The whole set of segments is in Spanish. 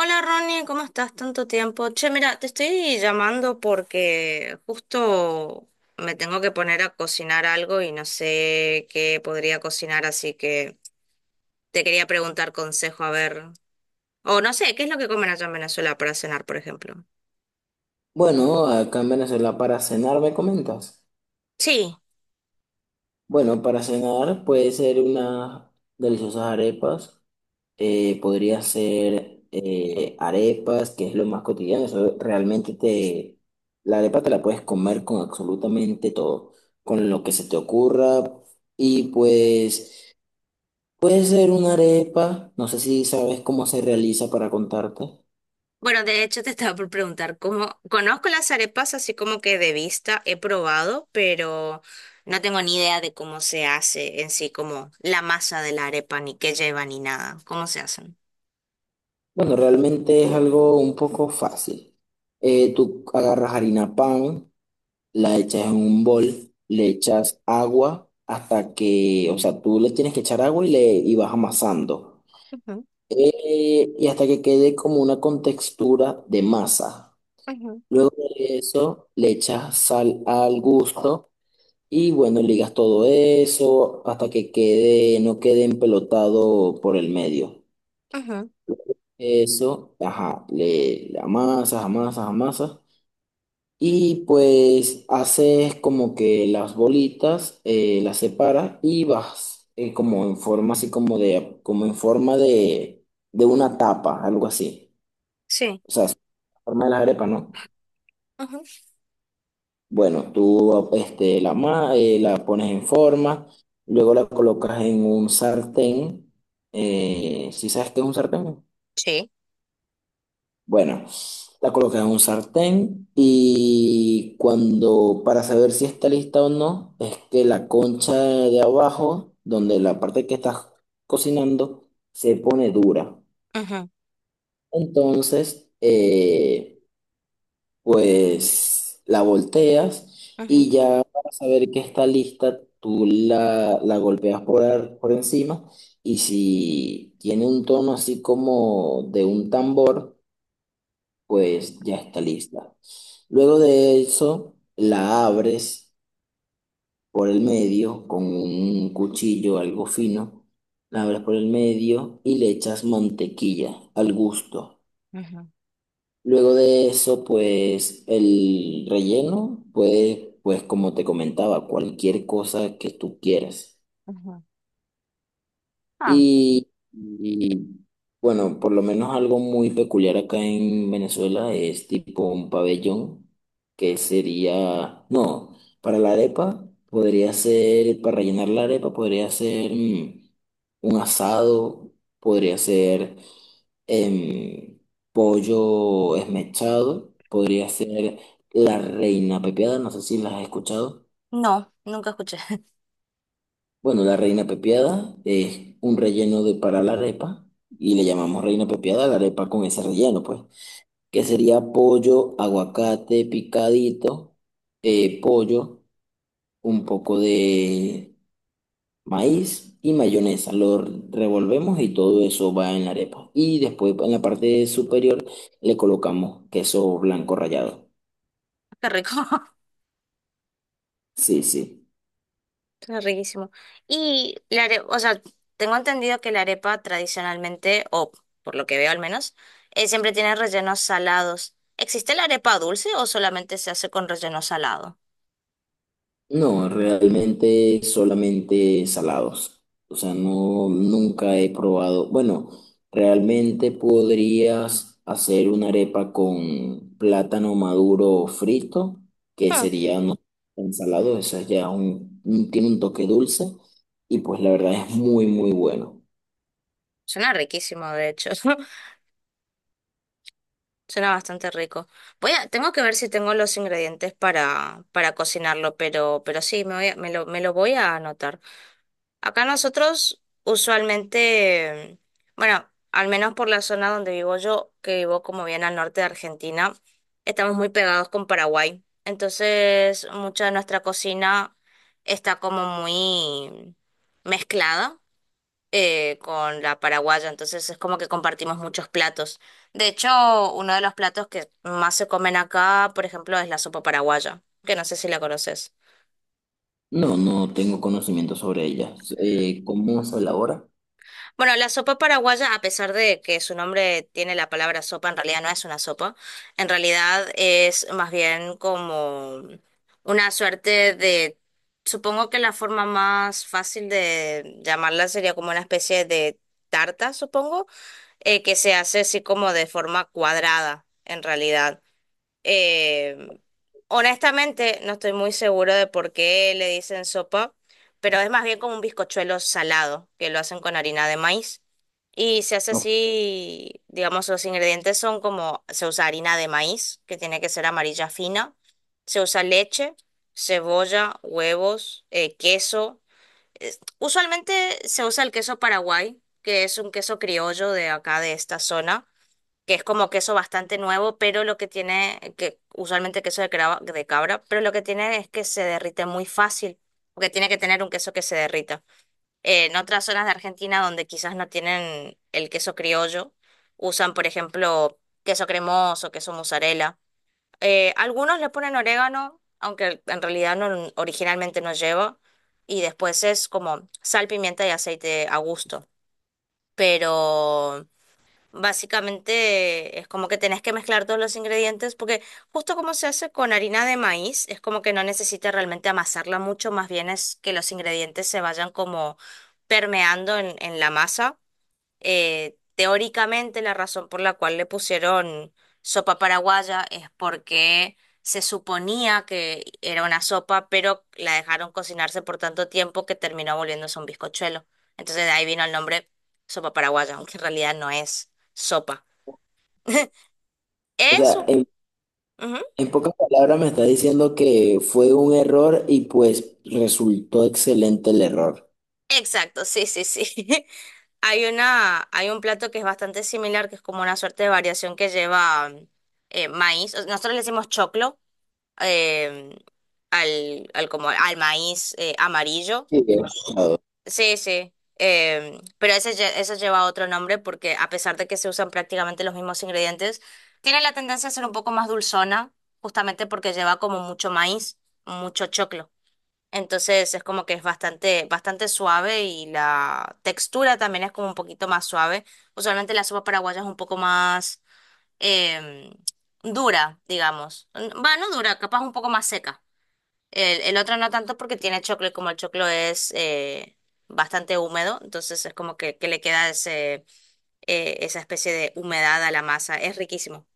Hola Ronnie, ¿cómo estás? Tanto tiempo. Che, mira, te estoy llamando porque justo me tengo que poner a cocinar algo y no sé qué podría cocinar, así que te quería preguntar consejo, a ver. O no sé, ¿qué es lo que comen allá en Venezuela para cenar, por ejemplo? Bueno, acá en Venezuela para cenar, ¿me comentas? Sí, Bueno, para cenar puede ser unas deliciosas arepas, podría ser arepas, que es lo más cotidiano, la arepa te la puedes comer con absolutamente todo, con lo que se te ocurra, y pues puede ser una arepa. No sé si sabes cómo se realiza, para contarte. bueno, de hecho te estaba por preguntar cómo. Conozco las arepas así como que de vista he probado, pero no tengo ni idea de cómo se hace en sí, como la masa de la arepa, ni qué lleva, ni nada. ¿Cómo se hacen? Bueno, realmente es algo un poco fácil. Tú agarras harina pan, la echas en un bol, le echas agua hasta que, o sea, tú le tienes que echar agua y vas amasando. Y hasta que quede como una contextura de masa. Ujú, Luego de eso, le echas sal al gusto y bueno, ligas todo eso hasta que quede, no quede empelotado por el medio. ujú, Eso, ajá, le amasas, amasas, amasas. Y pues haces como que las bolitas, las separas y vas como en forma así como de, como en forma de una tapa, algo así. sí, O sea, es la forma de las arepas, ¿no? ujú, Bueno, tú este, la, ma- la pones en forma, luego la colocas en un sartén. ¿Sí sabes qué es un sartén? sí, Bueno, la colocas en un sartén y, cuando, para saber si está lista o no, es que la concha de abajo, donde la parte que estás cocinando, se pone dura. ujú, Entonces, pues la volteas, y ujú, ya para saber que está lista, tú la golpeas por encima, y si tiene un tono así como de un tambor, pues ya está lista. Luego de eso, la abres por el medio con un cuchillo, algo fino. La abres por el medio y le echas mantequilla al gusto. ujú, Luego de eso, pues el relleno, pues, como te comentaba, cualquier cosa que tú quieras. ujú. Ah, Y, y, bueno, por lo menos algo muy peculiar acá en Venezuela es tipo un pabellón, que sería, no, para la arepa podría ser, para rellenar la arepa podría ser un asado, podría ser em, pollo esmechado, podría ser la reina pepiada. No sé si las has escuchado. no, nunca escuché. Bueno, la reina pepiada es un relleno de para la arepa, y le llamamos reina pepiada a la arepa con ese relleno, pues, que sería pollo, aguacate picadito, eh, pollo, un poco de maíz y mayonesa. Lo revolvemos y todo eso va en la arepa. Y después en la parte superior le colocamos queso blanco rallado. Qué rico, Sí, sí. está riquísimo. Y la arepa, o sea, tengo entendido que la arepa tradicionalmente, o por lo que veo al menos, siempre tiene rellenos salados. ¿Existe la arepa dulce o solamente se hace con relleno salado? No, realmente solamente salados. O sea, no, nunca he probado. Bueno, realmente podrías hacer una arepa con plátano maduro frito, que Hmm, sería no ensalado. Esa ya tiene un toque dulce, y pues la verdad es muy, muy bueno. suena riquísimo, de hecho. Suena bastante rico. Voy a, tengo que ver si tengo los ingredientes para cocinarlo, pero sí, me lo voy a anotar. Acá nosotros usualmente, bueno, al menos por la zona donde vivo yo, que vivo como bien al norte de Argentina, estamos muy pegados con Paraguay. Entonces, mucha de nuestra cocina está como muy mezclada con la paraguaya, entonces es como que compartimos muchos platos. De hecho, uno de los platos que más se comen acá, por ejemplo, es la sopa paraguaya, que no sé si la conoces. No, no tengo conocimiento sobre ella. ¿Cómo se elabora? Bueno, la sopa paraguaya, a pesar de que su nombre tiene la palabra sopa, en realidad no es una sopa, en realidad es más bien como una suerte de... Supongo que la forma más fácil de llamarla sería como una especie de tarta, supongo, que se hace así como de forma cuadrada, en realidad. Eh, Honestamente, no estoy muy seguro de por qué le dicen sopa, pero es más bien como un bizcochuelo salado, que lo hacen con harina de maíz. Y se hace No. así, digamos, los ingredientes son como, se usa harina de maíz, que tiene que ser amarilla fina, se usa leche, cebolla, huevos, queso usualmente se usa el queso Paraguay, que es un queso criollo de acá, de esta zona, que es como queso bastante nuevo, pero lo que tiene, que usualmente queso de cabra, pero lo que tiene es que se derrite muy fácil, porque tiene que tener un queso que se derrita. En otras zonas de Argentina donde quizás no tienen el queso criollo, usan, por ejemplo, queso cremoso, queso mozzarella. Algunos le ponen orégano, aunque en realidad no, originalmente no lleva, y después es como sal, pimienta y aceite a gusto. Pero básicamente es como que tenés que mezclar todos los ingredientes, porque justo como se hace con harina de maíz, es como que no necesitas realmente amasarla mucho, más bien es que los ingredientes se vayan como permeando en la masa. Teóricamente la razón por la cual le pusieron sopa paraguaya es porque se suponía que era una sopa, pero la dejaron cocinarse por tanto tiempo que terminó volviéndose un bizcochuelo. Entonces de ahí vino el nombre sopa paraguaya, aunque en realidad no es sopa. O sea, Eso. Ujú. en pocas palabras me está diciendo que fue un error y pues resultó excelente el error. Exacto, sí, sí, sí. Hay una, hay un plato que es bastante similar, que es como una suerte de variación que lleva maíz. Nosotros le decimos choclo, eh, al, al, como al maíz, amarillo. Sí, bien. Sí, sí. Pero ese, ese lleva otro nombre porque a pesar de que se usan prácticamente los mismos ingredientes, tiene la tendencia a ser un poco más dulzona, justamente porque lleva como mucho maíz, mucho choclo. Entonces es como que es bastante, bastante suave y la textura también es como un poquito más suave. Usualmente la sopa paraguaya es un poco más em, dura, digamos. No dura, capaz un poco más seca. El otro no tanto porque tiene choclo y como el choclo es bastante húmedo, entonces es como que le queda ese, esa especie de humedad a la masa. Es riquísimo.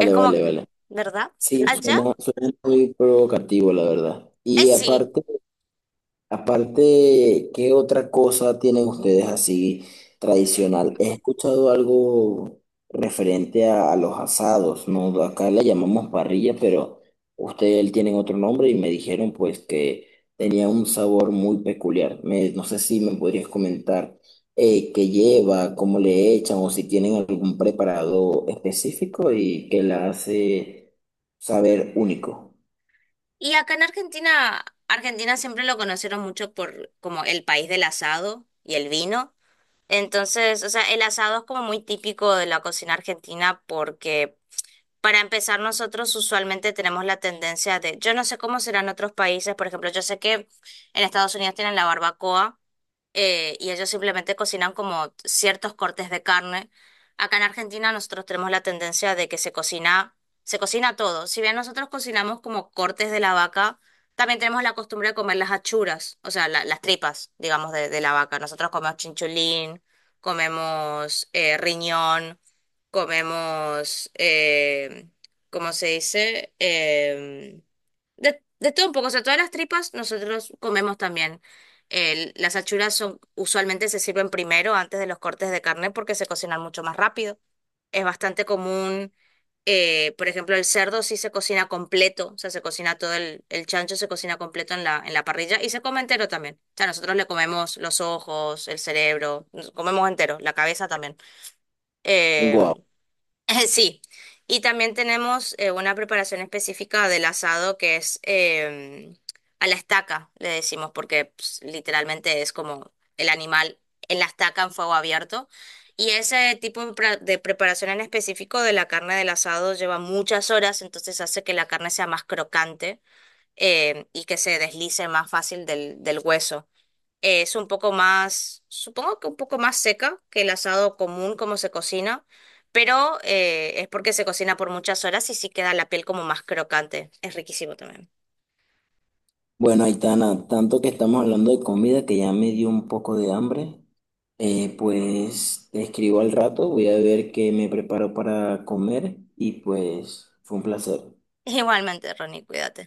Es como vale, que, vale. ¿verdad? Sí, Allá, suena, suena muy provocativo, la verdad. Y sí. aparte, aparte, ¿qué otra cosa tienen ustedes así tradicional? He escuchado algo referente a los asados, ¿no? Acá le llamamos parrilla, pero ustedes tienen otro nombre y me dijeron pues que tenía un sabor muy peculiar. No sé si me podrías comentar qué lleva, cómo le echan, o si tienen algún preparado específico y que la hace saber único. Y acá en Argentina, Argentina siempre lo conocieron mucho por como el país del asado y el vino. Entonces, o sea, el asado es como muy típico de la cocina argentina porque para empezar, nosotros usualmente tenemos la tendencia de, yo no sé cómo serán otros países, por ejemplo, yo sé que en Estados Unidos tienen la barbacoa, y ellos simplemente cocinan como ciertos cortes de carne. Acá en Argentina nosotros tenemos la tendencia de que se cocina todo. Si bien nosotros cocinamos como cortes de la vaca, también tenemos la costumbre de comer las achuras, o sea, las tripas, digamos, de la vaca. Nosotros comemos chinchulín, comemos riñón, comemos, ¿cómo se dice? Em, de todo un poco, o sea, todas las tripas nosotros comemos también. Las achuras son, usualmente se sirven primero antes de los cortes de carne porque se cocinan mucho más rápido. Es bastante común, por ejemplo, el cerdo sí se cocina completo, o sea, se cocina todo el chancho se cocina completo en la parrilla y se come entero también. O sea, nosotros le comemos los ojos, el cerebro, nos comemos entero, la cabeza también. Eh, sí, y también tenemos una preparación específica del asado que es a la estaca, le decimos, porque pues, literalmente es como el animal en la estaca en fuego abierto. Y ese tipo de de preparación en específico de la carne del asado lleva muchas horas, entonces hace que la carne sea más crocante, y que se deslice más fácil del, del hueso. Es un poco más, supongo que un poco más seca que el asado común como se cocina, pero es porque se cocina por muchas horas y sí queda la piel como más crocante. Es riquísimo también. Bueno, Aitana, tanto que estamos hablando de comida que ya me dio un poco de hambre, pues te escribo al rato, voy a ver qué me preparo para comer, y pues fue un placer. Igualmente, Ronnie, cuídate.